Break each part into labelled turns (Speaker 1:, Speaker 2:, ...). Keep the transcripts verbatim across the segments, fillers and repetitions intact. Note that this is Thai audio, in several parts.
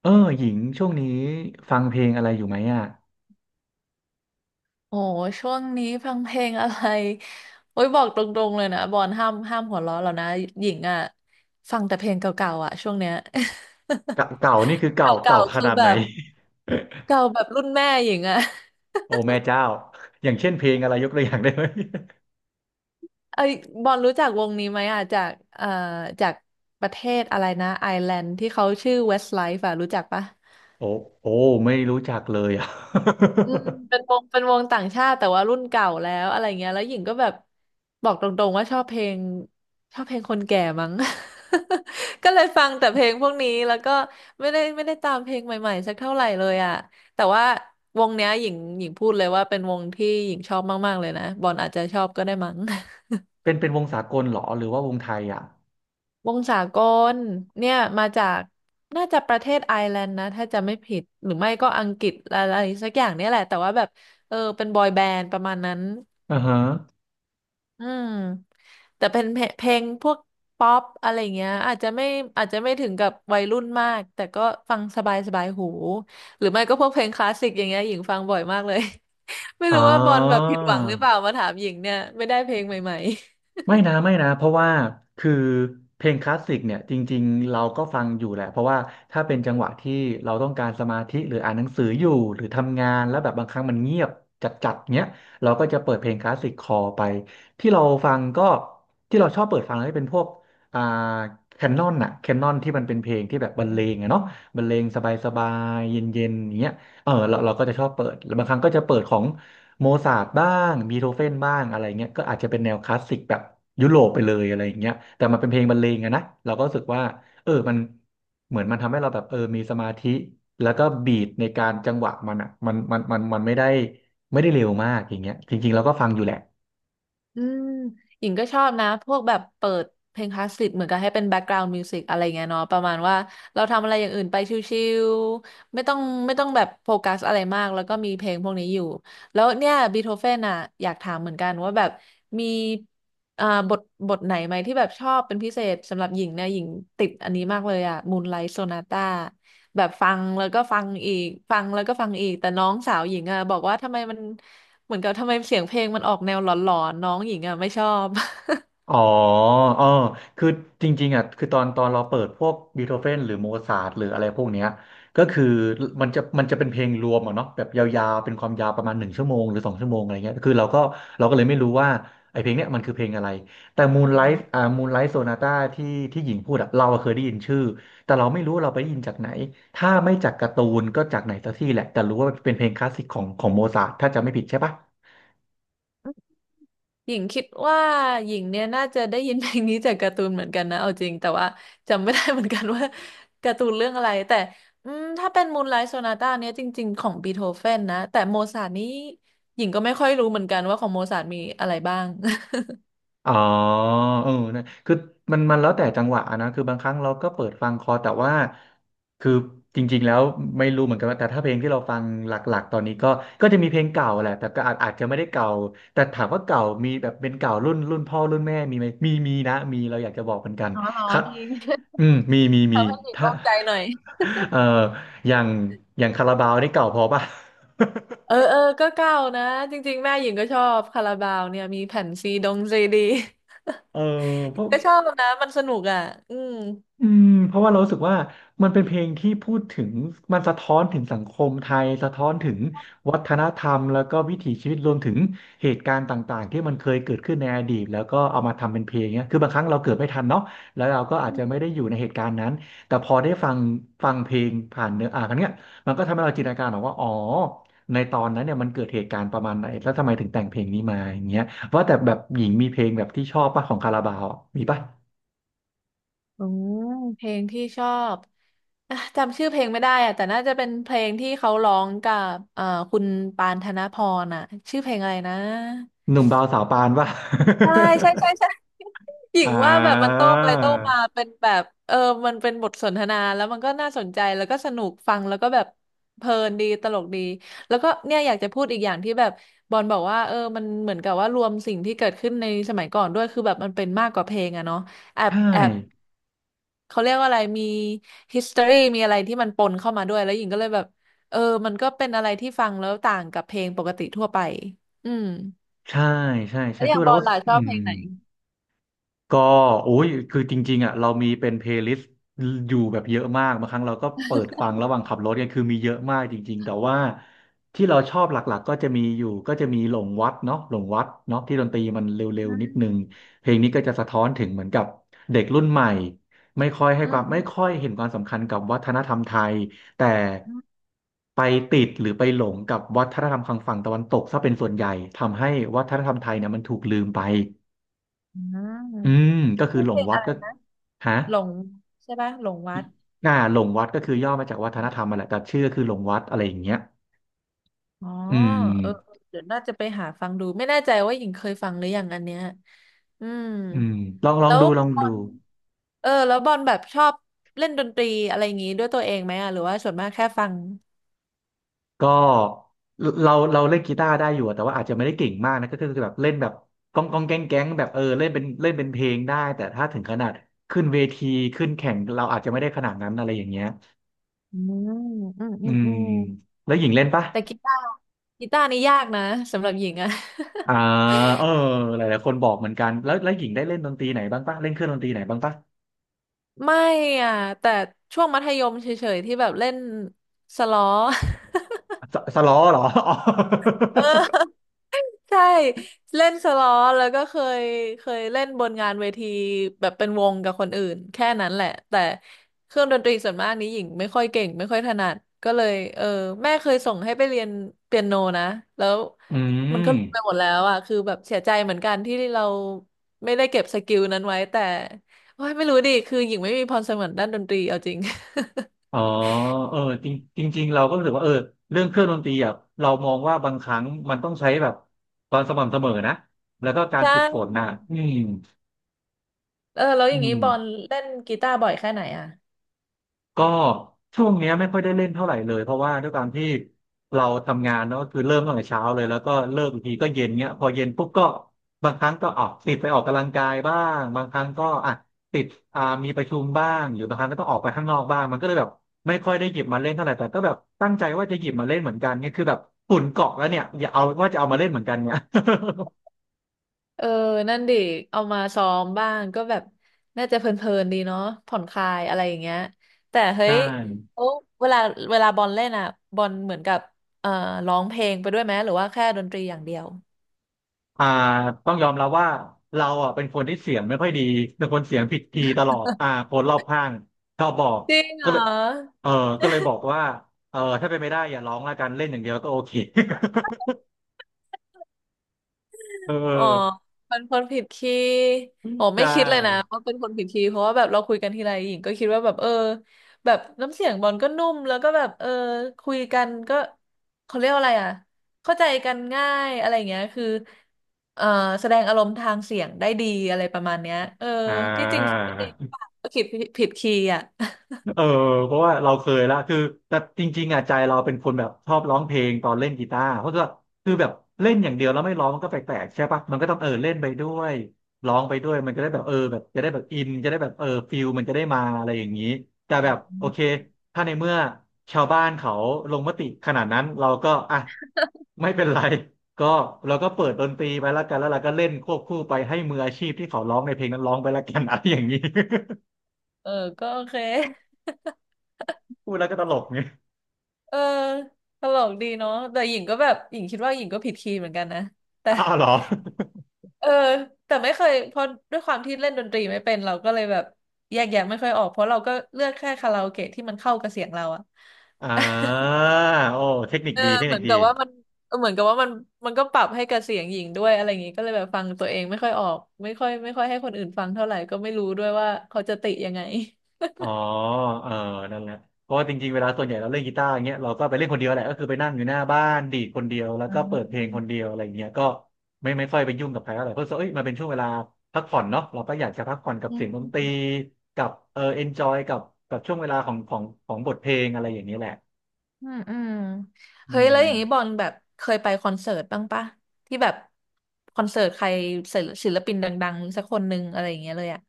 Speaker 1: เออหญิงช่วงนี้ฟังเพลงอะไรอยู่ไหมอ่ะ
Speaker 2: โอ้ช่วงนี้ฟังเพลงอะไร โอ้ยบอกตรงๆเลยนะบอลห้ามห้ามหัวเราะแล้วนะหญิงอ่ะฟังแต่เพลงเก่าๆอ่ะช่วงเนี้ย
Speaker 1: เก่าเก่านี่คือ เก่า
Speaker 2: เก่า
Speaker 1: เก่า
Speaker 2: ๆ
Speaker 1: ข
Speaker 2: คือ
Speaker 1: นาด
Speaker 2: แบ
Speaker 1: ไหน
Speaker 2: บเก่าแบบรุ่นแม่หญิงอ่ะ
Speaker 1: โอ้แม่เจ้าอย่างเช่นเพลงอะไรยกตัวอย่างได้ไหม
Speaker 2: ไอ้ยบอลรู้จักวงนี้ไหมอ่ะจากเอ่อจากประเทศอะไรนะไอร์แลนด์ที่เขาชื่อ Westlife อ่ะรู้จักปะ
Speaker 1: โอ้โอ้ไม่รู้จักเลยอ่ะ
Speaker 2: อืมเป็นวงเป็นวงต่างชาติแต่ว่ารุ่นเก่าแล้วอะไรเงี้ยแล้วหญิงก็แบบบอกตรงๆว่าชอบเพลงชอบเพลงคนแก่มั้ง ก็เลยฟังแต่เพลงพวกนี้แล้วก็ไม่ได้ไม่ได้ตามเพลงใหม่ๆสักเท่าไหร่เลยอ่ะแต่ว่าวงเนี้ยหญิงหญิงพูดเลยว่าเป็นวงที่หญิงชอบมากๆเลยนะบอลอาจจะชอบก็ได้มั้ง
Speaker 1: เป็นเป็นวงสากลเหรอหรือว่าวงไทยอ่ะ
Speaker 2: วงสากลเนี่ยมาจากน่าจะประเทศไอร์แลนด์นะถ้าจะไม่ผิดหรือไม่ก็อังกฤษอะไรสักอย่างเนี่ยแหละแต่ว่าแบบเออเป็นบอยแบนด์ประมาณนั้น
Speaker 1: อ่าฮะ
Speaker 2: อืมแต่เป็นเพลงเพลงพวกป๊อปอะไรเงี้ยอาจจะไม่อาจจะไม่ถึงกับวัยรุ่นมากแต่ก็ฟังสบายสบายหูหรือไม่ก็พวกเพลงคลาสสิกอย่างเงี้ยหญิงฟังบ่อยมากเลย ไม่
Speaker 1: อ๋อ
Speaker 2: รู้ว่าบอลแบบผิดหวังหรือเปล่ามาถามหญิงเนี่ยไม่ได้เพลงใหม่
Speaker 1: ไม่นะไม่นะเพราะว่าคือเพลงคลาสสิกเนี่ยจริงๆเราก็ฟังอยู่แหละเพราะว่าถ้าเป็นจังหวะที่เราต้องการสมาธิหรืออ่านหนังสืออยู่หรือทำงานแล้วแบบบางครั้งมันเงียบจัดๆเงี้ยเราก็จะเปิดเพลงคลาสสิกคอไปที่เราฟังก็ที่เราชอบเปิดฟังก็เป็นพวกอ่าแคนนอนอะแคนนอนที่มันเป็นเพลงที่แบบบรรเลงอะเนาะบรรเลงสบายๆเย็นๆอย่างเงี้ยเออเราเราก็จะชอบเปิดแล้วบางครั้งก็จะเปิดของ โมซาร์ทบ้างบีโธเฟนบ้างอะไรเงี้ยก็อาจจะเป็นแนวคลาสสิกแบบยุโรปไปเลยอะไรเงี้ยแต่มันเป็นเพลงบรรเลงอะนะเราก็รู้สึกว่าเออมันเหมือนมันทำให้เราแบบเออมีสมาธิแล้วก็บีทในการจังหวะมันอ่ะมันมันมันมันไม่ได้ไม่ได้เร็วมากอย่างเงี้ยจริงๆเราก็ฟังอยู่แหละ
Speaker 2: อืมหญิงก็ชอบนะพวกแบบเปิดเพลงคลาสสิกเหมือนกับให้เป็นแบ็กกราว เอ็น ดี มิวสิกอะไรเงี้ยเนาะประมาณว่าเราทำอะไรอย่างอื่นไปชิวๆไม่ต้องไม่ต้องแบบโฟกัสอะไรมากแล้วก็มีเพลงพวกนี้อยู่แล้วเนี่ยบีโธเฟนอ่ะอยากถามเหมือนกันว่าแบบมีอ่าบทบทไหนไหมที่แบบชอบเป็นพิเศษสำหรับหญิงเนี่ยหญิงติดอันนี้มากเลยอ่ะมูนไลท์โซนาต้า แบบฟังแล้วก็ฟังอีกฟังแล้วก็ฟังอีกแต่น้องสาวหญิงอ่ะบอกว่าทำไมมันเหมือนกับทำไมเสียงเพลงมันออกแนวหลอนๆน้องหญิงอ่ะไม่ชอบ
Speaker 1: อ๋อเออคือจริงๆอ่ะ คือตอนตอนเราเปิดพวกบีโธเฟนหรือโมซาร์ทหรืออะไรพวกเนี้ยก็คือมันจะมันจะเป็นเพลงรวมอ่ะเนาะแบบยาวๆเป็นความยาวประมาณหนึ่งชั่วโมงหรือสองชั่วโมงอะไรเงี้ยคือเราก็เราก็เลยไม่รู้ว่าไอเพลงเนี้ยมันคือเพลงอะไร แต่มูนไลท์อ่ามูนไลท์โซนาต้าที่ที่หญิงพูดอ่ะเราอะเคยได้ยินชื่อ แต่เราไม่รู้ว่าเราไปได้ยินจากไหน ถ้าไม่จากการ์ตูนก็จากไหนสักที่แหละแต่รู้ว่าเป็นเพลงคลาสสิกของของโมซาร์ทถ้าจำไม่ผิดใช่ปะ
Speaker 2: หญิงคิดว่าหญิงเนี่ยน่าจะได้ยินเพลงนี้จากการ์ตูนเหมือนกันนะเอาจริงแต่ว่าจำไม่ได้เหมือนกันว่าการ์ตูนเรื่องอะไรแต่อืมถ้าเป็นมูนไลท์โซนาต้าเนี่ยจริงๆของบีโธเฟนนะแต่โมซาร์ทนี้หญิงก็ไม่ค่อยรู้เหมือนกันว่าของโมซาร์ทมีอะไรบ้าง
Speaker 1: อ๋อเออนะคือมันมันแล้วแต่จังหวะนะคือบางครั้งเราก็เปิดฟังคอแต่ว่าคือจริงๆแล้วไม่รู้เหมือนกันว่าแต่ถ้าเพลงที่เราฟังหลักๆตอนนี้ก็ก็จะมีเพลงเก่าแหละแต่ก็อาจอาจจะไม่ได้เก่าแต่ถามว่าเก่ามีแบบเป็นเก่ารุ่นรุ่นพ่อรุ่นแม่มีไหมมีมีนะมีเราอยากจะบอกเหมือนกัน
Speaker 2: อ๋อเหรอ
Speaker 1: ครับ
Speaker 2: ดี
Speaker 1: อืมมีมี มี
Speaker 2: ทำให้หญิง
Speaker 1: ถ้า
Speaker 2: โล่งใจหน่อย
Speaker 1: เอ่ออย่างอย่างคาราบาวนี่เก่าพอป่ะ
Speaker 2: เออเออก็เก่านะจริงๆแม่หญิงก็ชอบคาราบาวเนี่ยมีแผ่นซีดงซีดี
Speaker 1: เออพวก
Speaker 2: ก็ชอบนะมันสนุกอ่ะอืม
Speaker 1: อืมเพราะว่าเรารู้สึกว่ามันเป็นเพลงที่พูดถึงมันสะท้อนถึงสังคมไทยสะท้อนถึงวัฒนธรรมแล้วก็วิถีชีวิตรวมถึงเหตุการณ์ต่างๆที่มันเคยเกิดขึ้นในอดีตแล้วก็เอามาทำเป็นเพลงเนี้ยคือบางครั้งเราเกิดไม่ทันเนาะแล้วเราก็อาจจะไม่ได้อยู่ในเหตุการณ์นั้นแต่พอได้ฟังฟังเพลงผ่านเนื้ออ่านเนี้ยมันก็ทำให้เราจินตนาการออกว่าอ๋อในตอนนั้นเนี่ยมันเกิดเหตุการณ์ประมาณไหนแล้วทำไมถึงแต่งเพลงนี้มาอย่างเงี้ยว่าแต่แบบหญิงมีเพลงแบบที่ชอบป่ะของคาราบาวอะมีป่ะ
Speaker 2: อืมเพลงที่ชอบอ่ะจำชื่อเพลงไม่ได้อ่ะแต่น่าจะเป็นเพลงที่เขาร้องกับเอ่อคุณปานธนพรอ่ะชื่อเพลงอะไรนะ
Speaker 1: หนุ่มบาวสาวปานป่ะ
Speaker 2: ใช่ใช่ใช่ใช่ หญิ
Speaker 1: อ่
Speaker 2: งว่าแบบมัน
Speaker 1: า
Speaker 2: โต้ไปโต้มาเป็นแบบเออมันเป็นบทสนทนาแล้วมันก็น่าสนใจแล้วก็สนุกฟังแล้วก็แบบเพลินดีตลกดีแล้วก็เนี่ยอยากจะพูดอีกอย่างที่แบบบอลบอกว่าเออมันเหมือนกับว่ารวมสิ่งที่เกิดขึ้นในสมัยก่อนด้วยคือแบบมันเป็นมากกว่าเพลงอะเนาะแอบ
Speaker 1: ใช่
Speaker 2: แอบเขาเรียกว่าอะไรมี history มีอะไรที่มันปนเข้ามาด้วยแล้วหญิงก็เลยแบบเออมันก็เป็นอะไรที่ฟังแล้วต่างกับเพลงปกติทั่วไปอืม
Speaker 1: ใช่ ใช่ ใช่
Speaker 2: แล้วอ
Speaker 1: คื
Speaker 2: ย่า
Speaker 1: อ
Speaker 2: งบ
Speaker 1: เรา
Speaker 2: อล
Speaker 1: ก็
Speaker 2: ล่ะชอ
Speaker 1: อื
Speaker 2: บเพล
Speaker 1: ม
Speaker 2: งไหน
Speaker 1: ก็โอ้ยคือจริงๆอ่ะเรามีเป็นเพลย์ลิสต์อยู่แบบเยอะมากบางครั้งเราก็เปิดฟังระหว่างขับรถเนี่ยคือมีเยอะมากจริงๆแต่ว่าที่เราชอบหลักๆก็จะมีอยู่ก็จะมีหลงวัดเนาะหลงวัดเนาะที่ดนตรีมันเร็ว
Speaker 2: อื
Speaker 1: ๆนิดนึง
Speaker 2: ม
Speaker 1: เพลงนี้ก็จะสะท้อนถึงเหมือนกับเด็กรุ่นใหม่ไม่ค่อยให้
Speaker 2: อื
Speaker 1: ค
Speaker 2: ม
Speaker 1: วามไม่ค่อย
Speaker 2: อ
Speaker 1: เห็นความสำคัญกับวัฒนธรรมไทยแต่
Speaker 2: ืม
Speaker 1: ไปติดหรือไปหลงกับวัฒนธรรมทางฝั่งตะวันตกซะเป็นส่วนใหญ่ทำให้วัฒนธรรมไทยเนี่ยมันถูกลืมไป
Speaker 2: อืม
Speaker 1: อืมก็คือ
Speaker 2: ชื่อ
Speaker 1: หล
Speaker 2: เพ
Speaker 1: ง
Speaker 2: ลง
Speaker 1: วัด
Speaker 2: อะไร
Speaker 1: ก็
Speaker 2: นะ
Speaker 1: ฮะ
Speaker 2: หลงใช่ปะหลงวัด
Speaker 1: น่าหลงวัดก็คือย่อมาจากวัฒนธรรมมาแหละแต่ชื่อก็คือหลงวัดอะไรอย่างเงี้ย
Speaker 2: อ๋อ
Speaker 1: อื
Speaker 2: เออ
Speaker 1: ม
Speaker 2: เดี๋ยวน่าจะไปหาฟังดูไม่แน่ใจว่าหญิงเคยฟังหรือยังอันเนี้ยอืม
Speaker 1: อืมลองลอ
Speaker 2: แล้
Speaker 1: ง
Speaker 2: ว
Speaker 1: ดูลอง
Speaker 2: บอ
Speaker 1: ดู
Speaker 2: ลเออแล้วบอลแบบชอบเล่นดนตรีอะไรอย่างงี้ด้วยตัวเองไหมอ่ะหรือว่าส่วนมากแค่ฟัง
Speaker 1: ก็เราเราเล่นกีตาร์ได้อยู่อะแต่ว่าอาจจะไม่ได้เก่งมากนะก็คือแบบเล่นแบบก้องก้องแก๊งแก๊งแบบเออเล่นเป็นเล่นเป็นเพลงได้แต่ถ้าถึงขนาดขึ้นเวทีขึ้นแข่งเราอาจจะไม่ได้ขนาดนั้นอะไรอย่างเงี้ย
Speaker 2: อืมอืมอื
Speaker 1: อื
Speaker 2: ม
Speaker 1: ม
Speaker 2: อืม
Speaker 1: แล้วหญิงเล่นปะ
Speaker 2: แต่กีตาร์กีตาร์นี่ยากนะสำหรับหญิงอะ
Speaker 1: อ่าเออหลายๆคนบอกเหมือนกันแล้วแล้วหญิงได้เล่นดนตรีไหนบ้างปะเล่นเครื่องดนตรีไหนบ้างปะ
Speaker 2: ไม่อ่ะแต่ช่วงมัธยมเฉยๆที่แบบเล่นสล้อ
Speaker 1: สสล้อเหรอ อ๋อ
Speaker 2: เออ ใช่เล่นสล้อแล้วก็เคยเคยเล่นบนงานเวทีแบบเป็นวงกับคนอื่นแค่นั้นแหละแต่เครื่องดนตรีส่วนมากนี้หญิงไม่ค่อยเก่งไม่ค่อยถนัดก็เลยเออแม่เคยส่งให้ไปเรียนเปียโนนะแล้ว
Speaker 1: อื
Speaker 2: มัน
Speaker 1: ม
Speaker 2: ก็ลืมไปหมดแล้วอ่ะคือแบบเสียใจเหมือนกันที่เราไม่ได้เก็บสกิลนั้นไว้แต่โอ้ยไม่รู้ดิคือหญิงไม่มีพรสวรรค์ด้านดนตรีเอาจริง
Speaker 1: อ๋อเออจริงจริงๆเราก็รู้สึกว่าเออเรื่องเครื่องดนตรีอ่ะเรามองว่าบางครั้งมันต้องใช้แบบความสม่ำเสมอนะแล้วก็ การ
Speaker 2: ใช่
Speaker 1: ฝึกฝนนะอืม
Speaker 2: เออแล้วอ
Speaker 1: อื
Speaker 2: ย่างนี้
Speaker 1: ม
Speaker 2: บอลเล่นกีตาร์บ่อยแค่ไหนอ่ะ
Speaker 1: ก็ช่วงเนี้ยไม่ค่อยได้เล่นเท่าไหร่เลยเพราะว่าด้วยการที่เราทำงานเนาะก็คือเริ่มตั้งแต่เช้าเลยแล้วก็เลิกอีกทีก็เย็นเงี้ยพอเย็นปุ๊บก็บางครั้งก็ออกติดไปออกกำลังกายบ้างบางครั้งก็อ่ะติดอ่ามีประชุมบ้างหรือบางครั้งก็ต้องออกไปข้างนอกบ้างมันก็เลยแบบไม่ค่อยได้หยิบมาเล่นเท่าไหร่แต่ก็แบบตั้งใจว่าจะหยิบมาเล่นเหมือนกันเนี่ยคือแบบฝุ่นเกาะแล้วเนี่ยอย่าเอาว่าจะเอามาเล่นเหมือนกันเนี่ย
Speaker 2: เออนั่นดิเอามาซ้อมบ้างก็แบบน่าจะเพลินๆดีเนาะผ่อนคลายอะไรอย่างเงี้ยแต่เฮ้
Speaker 1: ใช่
Speaker 2: ยโอ้เวลาเวลาบอลเล่นอ่ะบอลเหมือนกับเอ่อร้องเพลงไปด้วยไหมหรือว่าแค่ดนตรีอย่างเดียว
Speaker 1: อ่าต้องยอมรับว่าเราอ่ะเป็นคนที่เสียงไม่ค่อยดี เป็นคนเสียงผิดคีย์ตลอดอ่าคนรอบข้างชอบบอก
Speaker 2: จริงเหร
Speaker 1: ก็
Speaker 2: อ
Speaker 1: เลยเออก็เลยบอกว่าเออถ้าเป็นไม่ได้อย่าร้องละกันเล่นอย่างเดียวก็โอเค เ
Speaker 2: อ๋อ
Speaker 1: ออ
Speaker 2: เป็นคนผิดคีย์อ๋อไม่
Speaker 1: ใช่
Speaker 2: คิดเลยนะว่าเป็นคนผิดคีย์เพราะว่าแบบเราคุยกันทีไรหญิงก็คิดว่าแบบเออแบบน้ำเสียงบอลก็นุ่มแล้วก็แบบเออคุยกันก็เขาเรียกว่าอะไรอ่ะเข้าใจกันง่ายอะไรอย่างเงี้ยคือเออแสดงอารมณ์ทางเสียงได้ดีอะไรประมาณเนี้ยเออ
Speaker 1: อ่
Speaker 2: ที่จริงคิดไปเอง
Speaker 1: า
Speaker 2: ก็คิดผิดคีย์อ่ะ
Speaker 1: เออเพราะว่าเราเคยละคือแต่จริงๆอ่ะใจเราเป็นคนแบบชอบร้องเพลงตอนเล่นกีตาร์เพราะว่าคือแบบเล่นอย่างเดียวแล้วไม่ร้องมันก็แปลกๆใช่ปะมันก็ต้องเออเล่นไปด้วยร้องไปด้วยมันก็ได้แบบเออแบบจะได้แบบอินจะได้แบบเออฟิลมันจะได้มาอะไรอย่างนี้แต่แบบโอเค ถ้าในเมื่อชาวบ้านเขาลงมติขนาดนั้นเราก็อ่ะไม่เป็นไรก็เราก็เปิดดนตรีไปแล้วกันแล้วเราก็เล่นควบคู่ไปให้มืออาชีพที่เขาร้องในเพลงนั้นร้องไปแล้วกันอะไรอย่างนี้
Speaker 2: เออก็โอเค
Speaker 1: พูดแล้วก็ตลกเนี่ย
Speaker 2: เออตลกดีเนาะแต่หญิงก็แบบหญิงคิดว่าหญิงก็ผิดคีย์เหมือนกันนะแต่
Speaker 1: อ้าวเหรอ
Speaker 2: เออแต่ไม่เคยเพราะด้วยความที่เล่นดนตรีไม่เป็นเราก็เลยแบบแยกแยะไม่ค่อยออกเพราะเราก็เลือกแค่คาราโอเกะที่มันเข้ากับเสียงเราอะ
Speaker 1: อ่าโอ้เทคนิค
Speaker 2: เออ
Speaker 1: ดีเทค
Speaker 2: เห
Speaker 1: นิ
Speaker 2: มื
Speaker 1: ค
Speaker 2: อน
Speaker 1: ดี
Speaker 2: กับว่ามันเออเหมือนกับว่ามันมันก็ปรับให้กับเสียงหญิงด้วยอะไรอย่างงี้ก็เลยแบบฟังตัวเองไม่ค่อยออกไม่ค่อยไม่ค่อยให้คนอื่นฟังเท่าไหร่ก็ไม่รู้ด้วยว่าเขาจะติยังไง
Speaker 1: อ๋อเออนั่นแหละเพราะว่าจริงๆเวลาส่วนใหญ่เราเล่นกีตาร์อย่างเงี้ยเราก็ไปเล่นคนเดียวแหละก็คือไปนั่งอยู่หน้าบ้านดีดคนเดียวแล้ว
Speaker 2: อื
Speaker 1: ก็เปิดเพลงคนเดี
Speaker 2: ม
Speaker 1: ยวอะไรเงี้ยก็ไม่ไม่ค่อยไปยุ่งกับใครเท่าไหร่เพราะรู้สึกว่าเอ้ยมันเป็นช่วงเวลาพักผ่อนเนาะเราก็อยากจะพักผ่อนกับ
Speaker 2: อื
Speaker 1: เสียงดนตรี
Speaker 2: ม
Speaker 1: กับเออเอนจอยกับกับช่วงเวลาของของของบทเพลงอะไรอย่างนี้แหละ
Speaker 2: อืมอืม
Speaker 1: อื
Speaker 2: เฮ้ยแล้วอย่างนี้บอ
Speaker 1: ม
Speaker 2: ลแบบเคยไปคอนเสิร์ตบ้างปะที่แบบคอนเสิร์ตใครศิลปินดังๆสักคนหนึ่งอะไรอย่างเงี้ยเลยอะ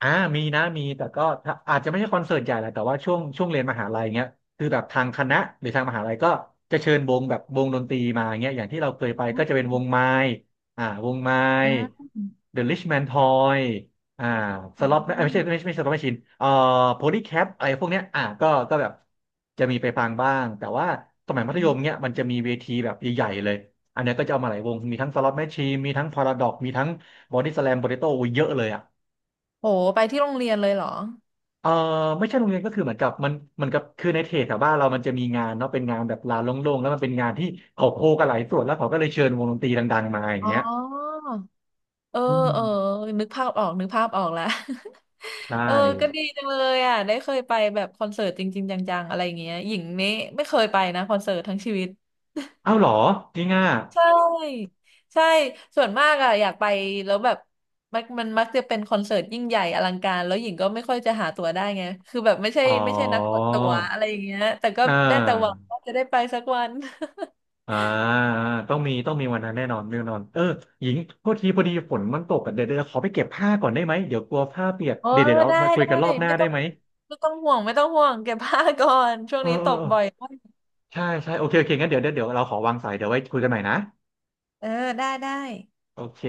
Speaker 1: อ่ามีนะมีแต่ก็ถ้าอาจจะไม่ใช่คอนเสิร์ตใหญ่แหละแต่ว่าช่วงช่วงเรียนมหาลัยเงี้ยคือแบบทางคณะหรือทางมหาลัยก็จะเชิญวงแบบวงดนตรีมาเงี้ยอย่างที่เราเคยไปก็จะเป็นวงไม้อ่าวงไม้
Speaker 2: อ่า
Speaker 1: The Rich Man Toy อ่าส
Speaker 2: อื
Speaker 1: ล็อตไม่ไม่ใช่ไม่
Speaker 2: ม
Speaker 1: ใช่ไม่ใช่สล็อตแมชชีนเอ่อโพลีแคปอะไรพวกเนี้ยอ่าก็ก็แบบจะมีไปฟังบ้างแต่ว่าสมัยมั
Speaker 2: อ
Speaker 1: ธยมเนี้ยมันจะมีเวทีแบบใหญ่ๆเลยอันเนี้ยก็จะเอามาหลายวงมีทั้งสล็อตแมชชีนมีทั้งพาราดอกมีทั้งบอดี้สแลมโปเตโต้เยอะเลยอ่ะ
Speaker 2: โหไปที่โรงเรียนเลยเหรอ
Speaker 1: เออไม่ใช่โรงเรียนก็คือเหมือนกับมันมืนกับคือในเทศแถวบ้านเรามันจะมีงานเนาะเป็นงานแบบลานโล่งๆแล้วมันเป็นงานที่เขาโคกันหลายส่วนแล้วเขาก็เลยเชิญวงดนตรีดังๆมาอย่าง
Speaker 2: อ๋อ
Speaker 1: เงี้ย
Speaker 2: เออ
Speaker 1: อื
Speaker 2: เออ
Speaker 1: ม
Speaker 2: นึกภาพออกนึกภาพออกแล้ว
Speaker 1: ใช่
Speaker 2: เออก็ดีจังเลยอ่ะได้เคยไปแบบคอนเสิร์ตจริงๆจังๆอะไรอย่างเงี้ยหญิงนี่ไม่เคยไปนะคอนเสิร์ตทั้งชีวิต
Speaker 1: เอ้าเหรอจริงอ่ะ
Speaker 2: ใช่ใช่ส่วนมากอ่ะอยากไปแล้วแบบมันมันมักจะเป็นคอนเสิร์ตยิ่งใหญ่อลังการแล้วหญิงก็ไม่ค่อยจะหาตั๋วได้ไงคือแบบไม่ใช่
Speaker 1: อ๋อ
Speaker 2: ไม่ใช่นักกดตั๋วอะไรอย่างเงี้ยแต่ก็
Speaker 1: อ่
Speaker 2: ได้แต่หวัง
Speaker 1: า
Speaker 2: ว่าจะได้ไปสักวัน
Speaker 1: อ่าต้องมีต้องมีวันนั้นแน่นอนแน่นอนเออหญิงโทษทีพอดีฝนมันตกอะเดี๋ยวเดี๋ยวขอไปเก็บผ้าก่อนได้ไหมเดี๋ยวกลัวผ้าเปียก
Speaker 2: เออ
Speaker 1: เดี๋ยวเดี๋ยวเอา
Speaker 2: ได้
Speaker 1: มาคุย
Speaker 2: ได้
Speaker 1: กันรอบหน้า
Speaker 2: ไม่
Speaker 1: ได้
Speaker 2: ต้อง
Speaker 1: ไหม
Speaker 2: ไม่ต้องห่วงไม่ต้องห่วงเก็บผ้าก่อนช่วง
Speaker 1: เออ
Speaker 2: นี้
Speaker 1: เอ
Speaker 2: ต
Speaker 1: อ
Speaker 2: ก
Speaker 1: เออ
Speaker 2: บ่อยมาก
Speaker 1: ใช่ใช่โอเคโอเคงั้นเดี๋ยวเดี๋ยวเดี๋ยวเราขอวางสายเดี๋ยวไว้คุยกันใหม่นะ
Speaker 2: เออได้ได้
Speaker 1: โอเค